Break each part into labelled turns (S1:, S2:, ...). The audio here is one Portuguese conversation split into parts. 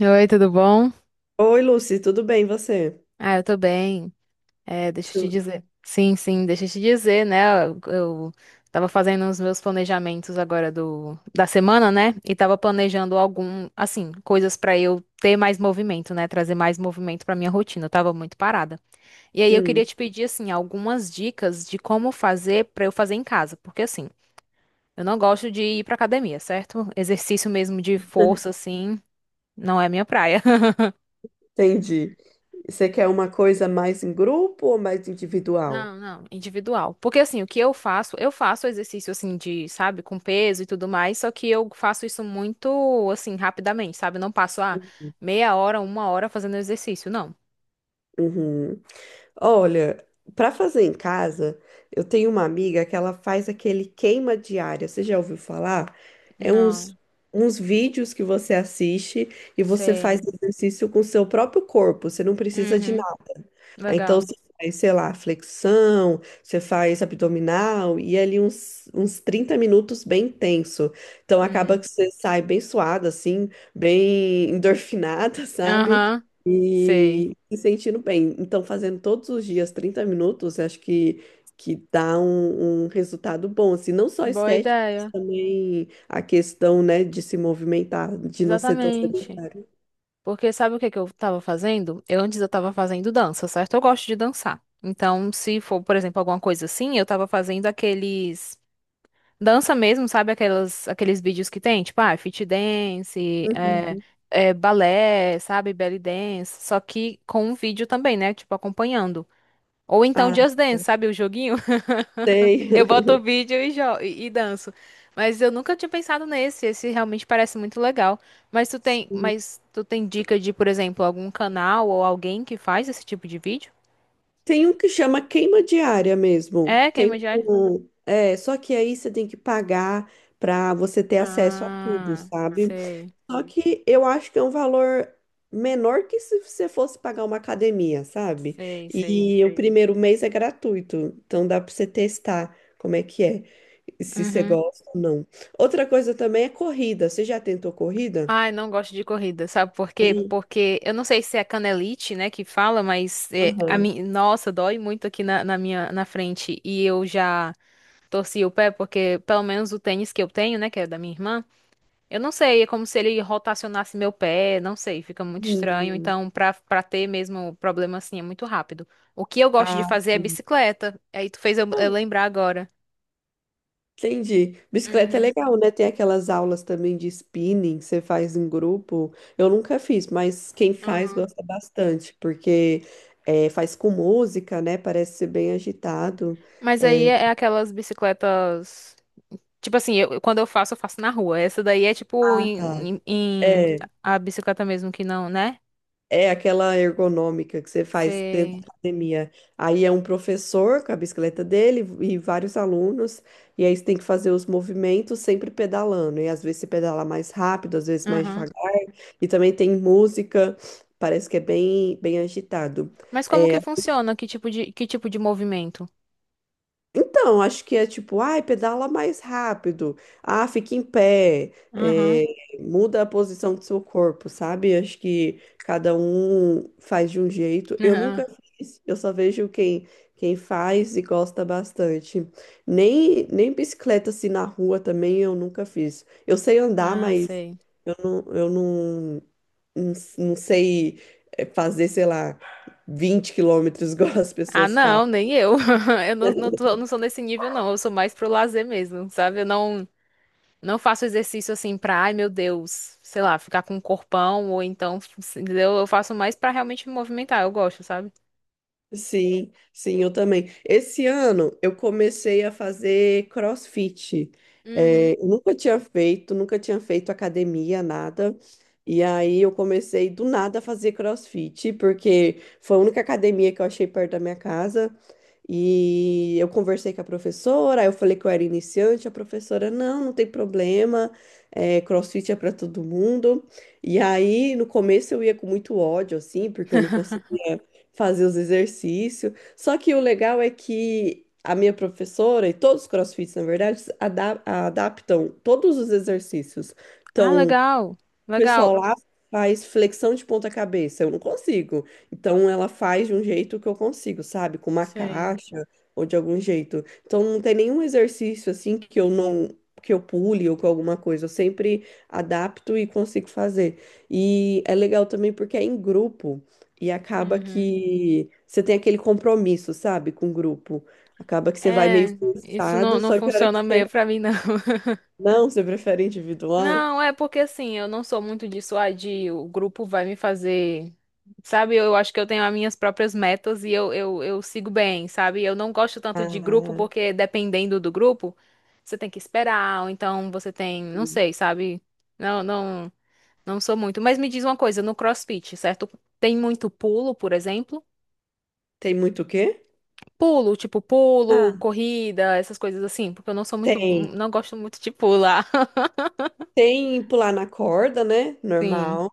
S1: Oi, tudo bom?
S2: Oi, Lucy, tudo bem, e você?
S1: Ah, eu tô bem. É, deixa eu te
S2: Tu-
S1: dizer. Sim, sim, deixa eu te dizer, né? Eu tava fazendo os meus planejamentos agora da semana, né? E tava planejando algum, assim, coisas pra eu ter mais movimento, né? Trazer mais movimento pra minha rotina. Eu tava muito parada. E aí eu queria
S2: Hum,
S1: te pedir, assim, algumas dicas de como fazer pra eu fazer em casa, porque assim, eu não gosto de ir pra academia, certo? Exercício mesmo de força, assim, não é minha praia.
S2: entendi. Você quer uma coisa mais em grupo ou mais individual?
S1: Não, não, individual. Porque assim, o que eu faço exercício assim de, sabe, com peso e tudo mais, só que eu faço isso muito assim, rapidamente, sabe? Eu não passo meia hora, uma hora fazendo exercício, não.
S2: Uhum. Olha, para fazer em casa, eu tenho uma amiga que ela faz aquele queima diária. Você já ouviu falar? É
S1: Não,
S2: uns, uns vídeos que você assiste e você faz
S1: sei.
S2: exercício com o seu próprio corpo. Você não precisa de
S1: Uhum,
S2: Então,
S1: legal.
S2: você faz, sei lá, flexão, você faz abdominal e é ali uns 30 minutos bem tenso. Então, acaba
S1: Uhum.
S2: que você sai bem suada, assim, bem endorfinada, sabe?
S1: Aham, sei.
S2: E se sentindo bem. Então, fazendo todos os dias 30 minutos, acho que dá um resultado bom, assim, não só
S1: Boa
S2: estético, mas
S1: ideia.
S2: também a questão, né, de se movimentar, de não ser tão
S1: Exatamente.
S2: sedentário.
S1: Porque sabe o que que eu tava fazendo? Eu antes eu tava fazendo dança, certo? Eu gosto de dançar. Então, se for, por exemplo, alguma coisa assim, eu tava fazendo aqueles. Dança mesmo, sabe? Aquelas, aqueles vídeos que tem, tipo, ah, fit dance,
S2: Uhum.
S1: balé, sabe? Belly dance, só que com um vídeo também, né? Tipo, acompanhando. Ou então
S2: Ah,
S1: Just Dance, sabe? O joguinho. Eu boto
S2: tem.
S1: o vídeo e e danço. Mas eu nunca tinha pensado nesse, esse realmente parece muito legal. Mas tu tem dica de, por exemplo, algum canal ou alguém que faz esse tipo de vídeo?
S2: Tem um que chama queima diária mesmo.
S1: É, queima
S2: Tem
S1: diária?
S2: um, é, só que aí você tem que pagar para você ter acesso a tudo,
S1: Ah,
S2: sabe?
S1: sei,
S2: Só que eu acho que é um valor menor que se você fosse pagar uma academia, sabe?
S1: sei, sei.
S2: E o primeiro mês é gratuito, então dá para você testar como é que é, se você
S1: Uhum.
S2: gosta ou não. Outra coisa também é corrida. Você já tentou corrida?
S1: Ai, não gosto de corrida, sabe por quê?
S2: Sim.
S1: Porque eu não sei se é canelite, né, que fala, mas é, a
S2: Aham.
S1: mim, nossa, dói muito aqui na minha na frente e eu já torci o pé porque pelo menos o tênis que eu tenho, né, que é da minha irmã, eu não sei, é como se ele rotacionasse meu pé, não sei, fica muito estranho.
S2: Hum.
S1: Então, pra para ter mesmo problema assim é muito rápido. O que eu gosto de
S2: Ah,
S1: fazer é
S2: sim.
S1: bicicleta. Aí tu fez eu lembrar agora.
S2: Entendi. Bicicleta é
S1: Uhum,
S2: legal, né? Tem aquelas aulas também de spinning, que você faz em grupo. Eu nunca fiz, mas quem faz
S1: aham.
S2: gosta bastante, porque é, faz com música, né? Parece ser bem agitado.
S1: Mas aí
S2: É,
S1: é aquelas bicicletas. Tipo assim, eu, quando eu faço na rua. Essa daí é tipo
S2: ah, tá,
S1: em
S2: é,
S1: a bicicleta mesmo que não, né?
S2: é aquela ergonômica que você faz dentro
S1: Você.
S2: da academia. Aí é um professor com a bicicleta dele e vários alunos, e aí você tem que fazer os movimentos sempre pedalando. E às vezes você pedala mais rápido, às vezes mais
S1: Aham.
S2: devagar. E também tem música, parece que é bem, bem agitado.
S1: Mas como que
S2: É,
S1: funciona? Que tipo de movimento?
S2: então, acho que é tipo, ai, pedala mais rápido, ah, fique em pé,
S1: Aham.
S2: é, muda a posição do seu corpo, sabe? Acho que cada um faz de um jeito. Eu
S1: Aham.
S2: nunca fiz, eu só vejo quem faz e gosta bastante. Nem bicicleta assim na rua também eu nunca fiz. Eu sei andar,
S1: Ah,
S2: mas
S1: sei.
S2: eu não não sei fazer, sei lá, 20 km igual as
S1: Ah,
S2: pessoas.
S1: não, nem eu. Eu não, não, não sou nesse nível, não. Eu sou mais pro lazer mesmo, sabe? Eu não, não faço exercício assim pra, ai meu Deus, sei lá, ficar com um corpão ou então, entendeu? Eu faço mais pra realmente me movimentar. Eu gosto, sabe?
S2: Sim, sim, eu também. Esse ano eu comecei a fazer CrossFit.
S1: Uhum.
S2: É, eu nunca tinha feito, nunca tinha feito academia, nada. E aí eu comecei do nada a fazer CrossFit, porque foi a única academia que eu achei perto da minha casa. E eu conversei com a professora, aí eu falei que eu era iniciante, a professora, não, não tem problema, é, CrossFit é para todo mundo. E aí, no começo eu ia com muito ódio, assim, porque eu não conseguia fazer os exercícios. Só que o legal é que a minha professora e todos os CrossFits, na verdade, adaptam todos os exercícios.
S1: Ah,
S2: Então,
S1: legal.
S2: o pessoal
S1: Legal.
S2: lá faz flexão de ponta cabeça, eu não consigo. Então ela faz de um jeito que eu consigo, sabe? Com uma
S1: Sei.
S2: caixa ou de algum jeito. Então não tem nenhum exercício assim que eu não que eu pule ou com alguma coisa, eu sempre adapto e consigo fazer. E é legal também porque é em grupo e acaba
S1: Uhum.
S2: que você tem aquele compromisso, sabe, com o grupo. Acaba que você vai meio
S1: É, isso não,
S2: forçado,
S1: não
S2: só que a hora que
S1: funciona
S2: você
S1: meio pra mim, não.
S2: não, você prefere individual.
S1: Não, é porque assim, eu não sou muito disso, ah, de o grupo vai me fazer. Sabe, eu acho que eu tenho as minhas próprias metas e eu sigo bem, sabe? Eu não gosto tanto de grupo
S2: Ah,
S1: porque dependendo do grupo, você tem que esperar, ou então você tem, não sei, sabe? Não, não, não sou muito. Mas me diz uma coisa, no CrossFit, certo? Tem muito pulo, por exemplo?
S2: tem muito o quê?
S1: Pulo, tipo pulo,
S2: Ah,
S1: corrida, essas coisas assim, porque eu não sou muito,
S2: tem.
S1: não gosto muito de pular.
S2: Tem pular na corda, né?
S1: Sim.
S2: Normal.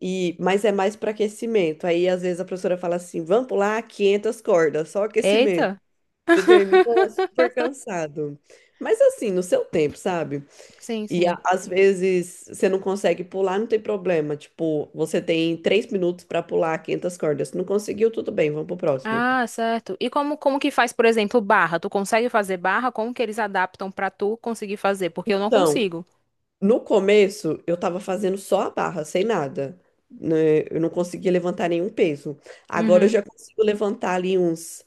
S2: E, mas é mais para aquecimento. Aí, às vezes, a professora fala assim: vamos pular 500 cordas, só aquecimento.
S1: Eita.
S2: Você termina super cansado. Mas, assim, no seu tempo, sabe?
S1: Sim,
S2: E
S1: sim.
S2: às vezes você não consegue pular, não tem problema. Tipo, você tem 3 minutos para pular 500 cordas. Se não conseguiu, tudo bem, vamos pro próximo.
S1: Ah, certo. E como que faz, por exemplo, barra? Tu consegue fazer barra? Como que eles adaptam pra tu conseguir fazer? Porque eu não
S2: Então,
S1: consigo.
S2: no começo, eu tava fazendo só a barra, sem nada, né? Eu não conseguia levantar nenhum peso. Agora eu
S1: Uhum.
S2: já consigo levantar ali uns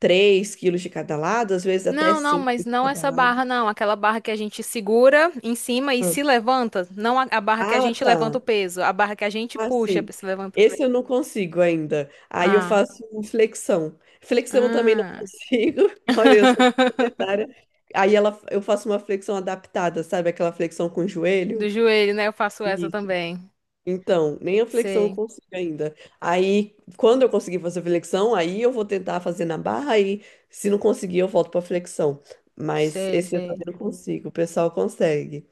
S2: 3 quilos de cada lado, às vezes até
S1: Não, não,
S2: 5
S1: mas
S2: de
S1: não
S2: cada
S1: essa
S2: lado.
S1: barra, não. Aquela barra que a gente segura em cima e se levanta. Não a barra que a
S2: Ah,
S1: gente
S2: tá.
S1: levanta o peso, a barra que a gente puxa pra
S2: Assim,
S1: se levanta.
S2: esse eu não consigo ainda. Aí eu
S1: Ah.
S2: faço flexão. Flexão eu também não
S1: Ah.
S2: consigo. Olha, eu sou sedentária. Aí ela, eu faço uma flexão adaptada, sabe? Aquela flexão com o
S1: Do
S2: joelho.
S1: joelho, né? Eu faço essa
S2: Isso.
S1: também.
S2: Então, nem a flexão eu
S1: Sei,
S2: consigo ainda. Aí, quando eu conseguir fazer flexão, aí eu vou tentar fazer na barra e se não conseguir, eu volto para flexão. Mas
S1: sei,
S2: esse eu
S1: sei.
S2: também não consigo, o pessoal consegue.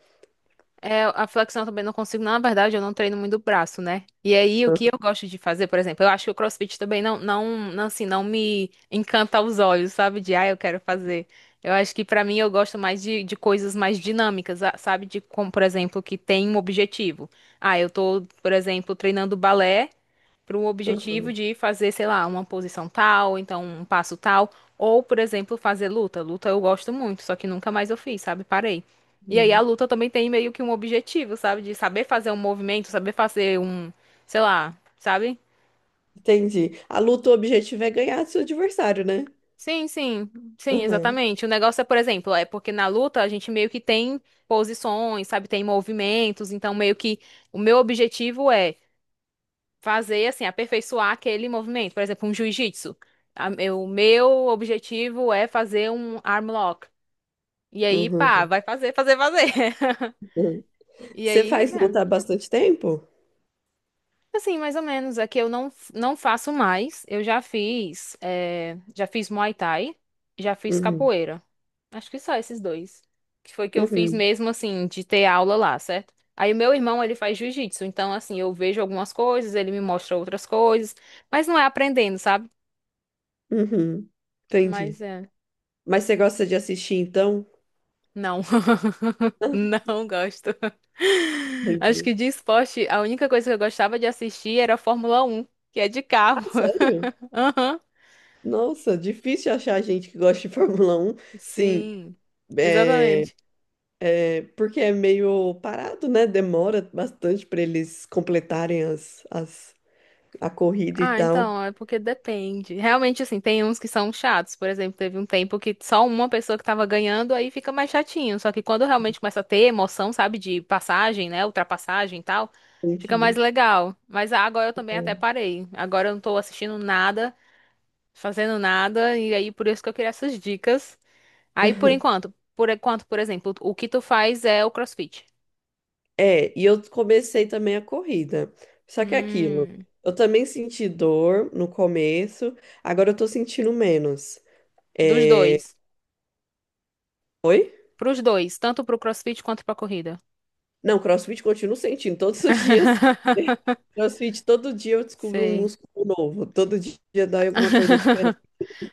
S1: É, a flexão eu também não consigo, na verdade, eu não treino muito o braço, né? E aí, o que eu gosto de fazer, por exemplo, eu acho que o CrossFit também não, assim, não me encanta aos olhos, sabe? De, ah, eu quero fazer. Eu acho que pra mim eu gosto mais de coisas mais dinâmicas, sabe? De como, por exemplo, que tem um objetivo. Ah, eu tô, por exemplo, treinando balé, para o objetivo
S2: Aham,
S1: de fazer, sei lá, uma posição tal, então um passo tal, ou, por exemplo, fazer luta. Luta eu gosto muito, só que nunca mais eu fiz, sabe? Parei. E aí a
S2: uhum.
S1: luta também tem meio que um objetivo, sabe? De saber fazer um movimento, saber fazer um, sei lá, sabe?
S2: Entendi. A luta, o objetivo é ganhar do seu adversário, né?
S1: Sim, sim, sim,
S2: Uhum,
S1: exatamente. O negócio é, por exemplo, é porque na luta a gente meio que tem posições, sabe? Tem movimentos, então meio que o meu objetivo é fazer, assim, aperfeiçoar aquele movimento. Por exemplo, um jiu-jitsu. O meu objetivo é fazer um arm lock. E aí, pá,
S2: uhum,
S1: vai fazer, fazer, fazer.
S2: uhum.
S1: E
S2: Você
S1: aí,
S2: faz
S1: né?
S2: luta há bastante tempo?
S1: Assim, mais ou menos. Aqui eu não, não faço mais. Eu já fiz, já fiz Muay Thai, já fiz
S2: Uhum,
S1: capoeira. Acho que só esses dois. Que foi que eu fiz
S2: uhum,
S1: mesmo, assim, de ter aula lá, certo? Aí o meu irmão, ele faz jiu-jitsu. Então, assim, eu vejo algumas coisas, ele me mostra outras coisas. Mas não é aprendendo, sabe?
S2: uhum.
S1: Mas
S2: Entendi.
S1: é.
S2: Mas você gosta de assistir, então?
S1: Não.
S2: Ah,
S1: Não gosto. Acho
S2: entendi.
S1: que de esporte, a única coisa que eu gostava de assistir era a Fórmula 1, que é de carro.
S2: Ah, sério?
S1: Aham.
S2: Nossa, difícil achar gente que gosta de Fórmula 1. Sim,
S1: Sim.
S2: é,
S1: Exatamente.
S2: é, porque é meio parado, né? Demora bastante para eles completarem as, a corrida e
S1: Ah,
S2: tal.
S1: então, é porque depende. Realmente, assim, tem uns que são chatos. Por exemplo, teve um tempo que só uma pessoa que tava ganhando, aí fica mais chatinho. Só que quando realmente começa a ter emoção, sabe, de passagem, né, ultrapassagem e tal, fica mais
S2: Entendi.
S1: legal. Mas ah, agora eu também até parei. Agora eu não tô assistindo nada, fazendo nada, e aí por isso que eu queria essas dicas. Aí por enquanto, por enquanto, por exemplo, o que tu faz é o CrossFit.
S2: É, e eu comecei também a corrida. Só que é aquilo,
S1: Hum,
S2: eu também senti dor no começo, agora eu tô sentindo menos.
S1: dos dois.
S2: Oi?
S1: Pros dois, tanto pro CrossFit quanto pra corrida.
S2: Não, CrossFit continuo sentindo todos os dias. CrossFit, todo dia eu descubro um
S1: Sei.
S2: músculo novo. Todo dia dói alguma coisa diferente.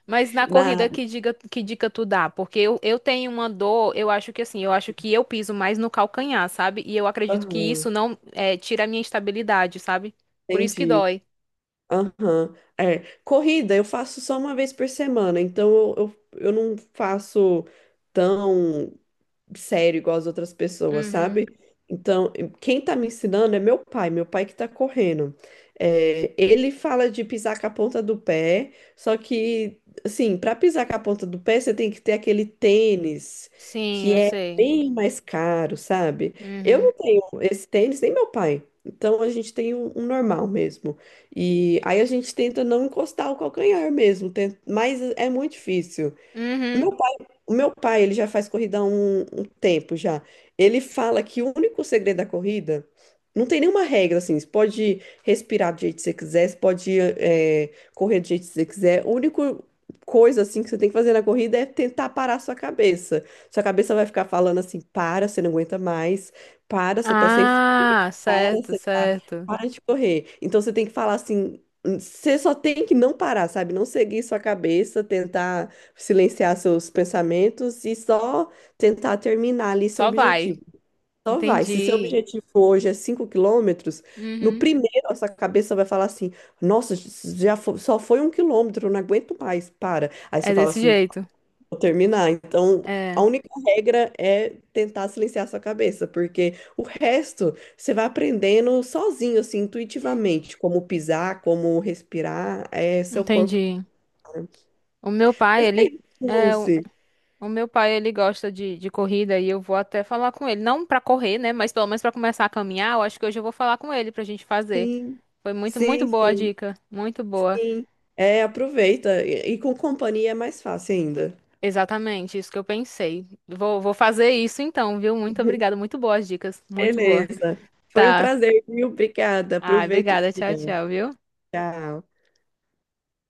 S1: Mas na corrida,
S2: Na...
S1: que dica tu dá? Porque eu tenho uma dor, eu acho que assim, eu acho que eu piso mais no calcanhar, sabe? E eu acredito que isso
S2: aham,
S1: não é, tira a minha estabilidade, sabe? Por isso que
S2: entendi.
S1: dói.
S2: Aham. É. Corrida eu faço só uma vez por semana, então eu não faço tão sério igual as outras pessoas,
S1: Uhum.
S2: sabe? Então, quem tá me ensinando é meu pai que tá correndo. É, ele fala de pisar com a ponta do pé, só que, assim, para pisar com a ponta do pé, você tem que ter aquele tênis
S1: Sim,
S2: que
S1: eu
S2: é
S1: sei.
S2: bem mais caro, sabe? Eu
S1: Uhum.
S2: não tenho esse tênis, nem meu pai. Então a gente tem um normal mesmo. E aí a gente tenta não encostar o calcanhar mesmo, mas é muito difícil. O
S1: Uhum.
S2: meu pai, o meu pai, ele já faz corrida há um tempo já. Ele fala que o único segredo da corrida não tem nenhuma regra assim. Você pode respirar do jeito que você quiser, você pode correr do jeito que você quiser. A única coisa assim que você tem que fazer na corrida é tentar parar sua cabeça. Sua cabeça vai ficar falando assim: para, você não aguenta mais, para, você tá sem fome,
S1: Ah,
S2: para.
S1: certo, certo.
S2: Para de correr. Então você tem que falar assim, você só tem que não parar, sabe? Não seguir sua cabeça, tentar silenciar seus pensamentos e só tentar terminar ali seu
S1: Só
S2: objetivo.
S1: vai.
S2: Só vai. Se seu
S1: Entendi.
S2: objetivo hoje é 5 km, no
S1: Uhum.
S2: primeiro a sua cabeça vai falar assim: Nossa, só foi 1 quilômetro, eu não aguento mais, para. Aí você
S1: É
S2: fala
S1: desse
S2: assim:
S1: jeito.
S2: Vou terminar. Então, a
S1: É,
S2: única regra é tentar silenciar sua cabeça, porque o resto você vai aprendendo sozinho, assim, intuitivamente, como pisar, como respirar, é seu corpo.
S1: entendi. O meu pai, é o,
S2: Lucy.
S1: o meu pai, ele gosta de corrida e eu vou até falar com ele, não pra correr, né, mas pelo menos pra começar a caminhar, eu acho que hoje eu vou falar com ele pra gente fazer.
S2: Sim,
S1: Foi muito, muito
S2: sim,
S1: boa a
S2: sim,
S1: dica, muito boa.
S2: sim. É, aproveita. E com companhia é mais fácil ainda.
S1: Exatamente, isso que eu pensei. Vou, vou fazer isso então, viu? Muito obrigada, muito boas dicas, muito boa.
S2: Beleza. Foi um
S1: Tá.
S2: prazer, viu? Obrigada.
S1: Ai,
S2: Aproveita o
S1: obrigada, tchau,
S2: dia.
S1: tchau, viu?
S2: Tchau.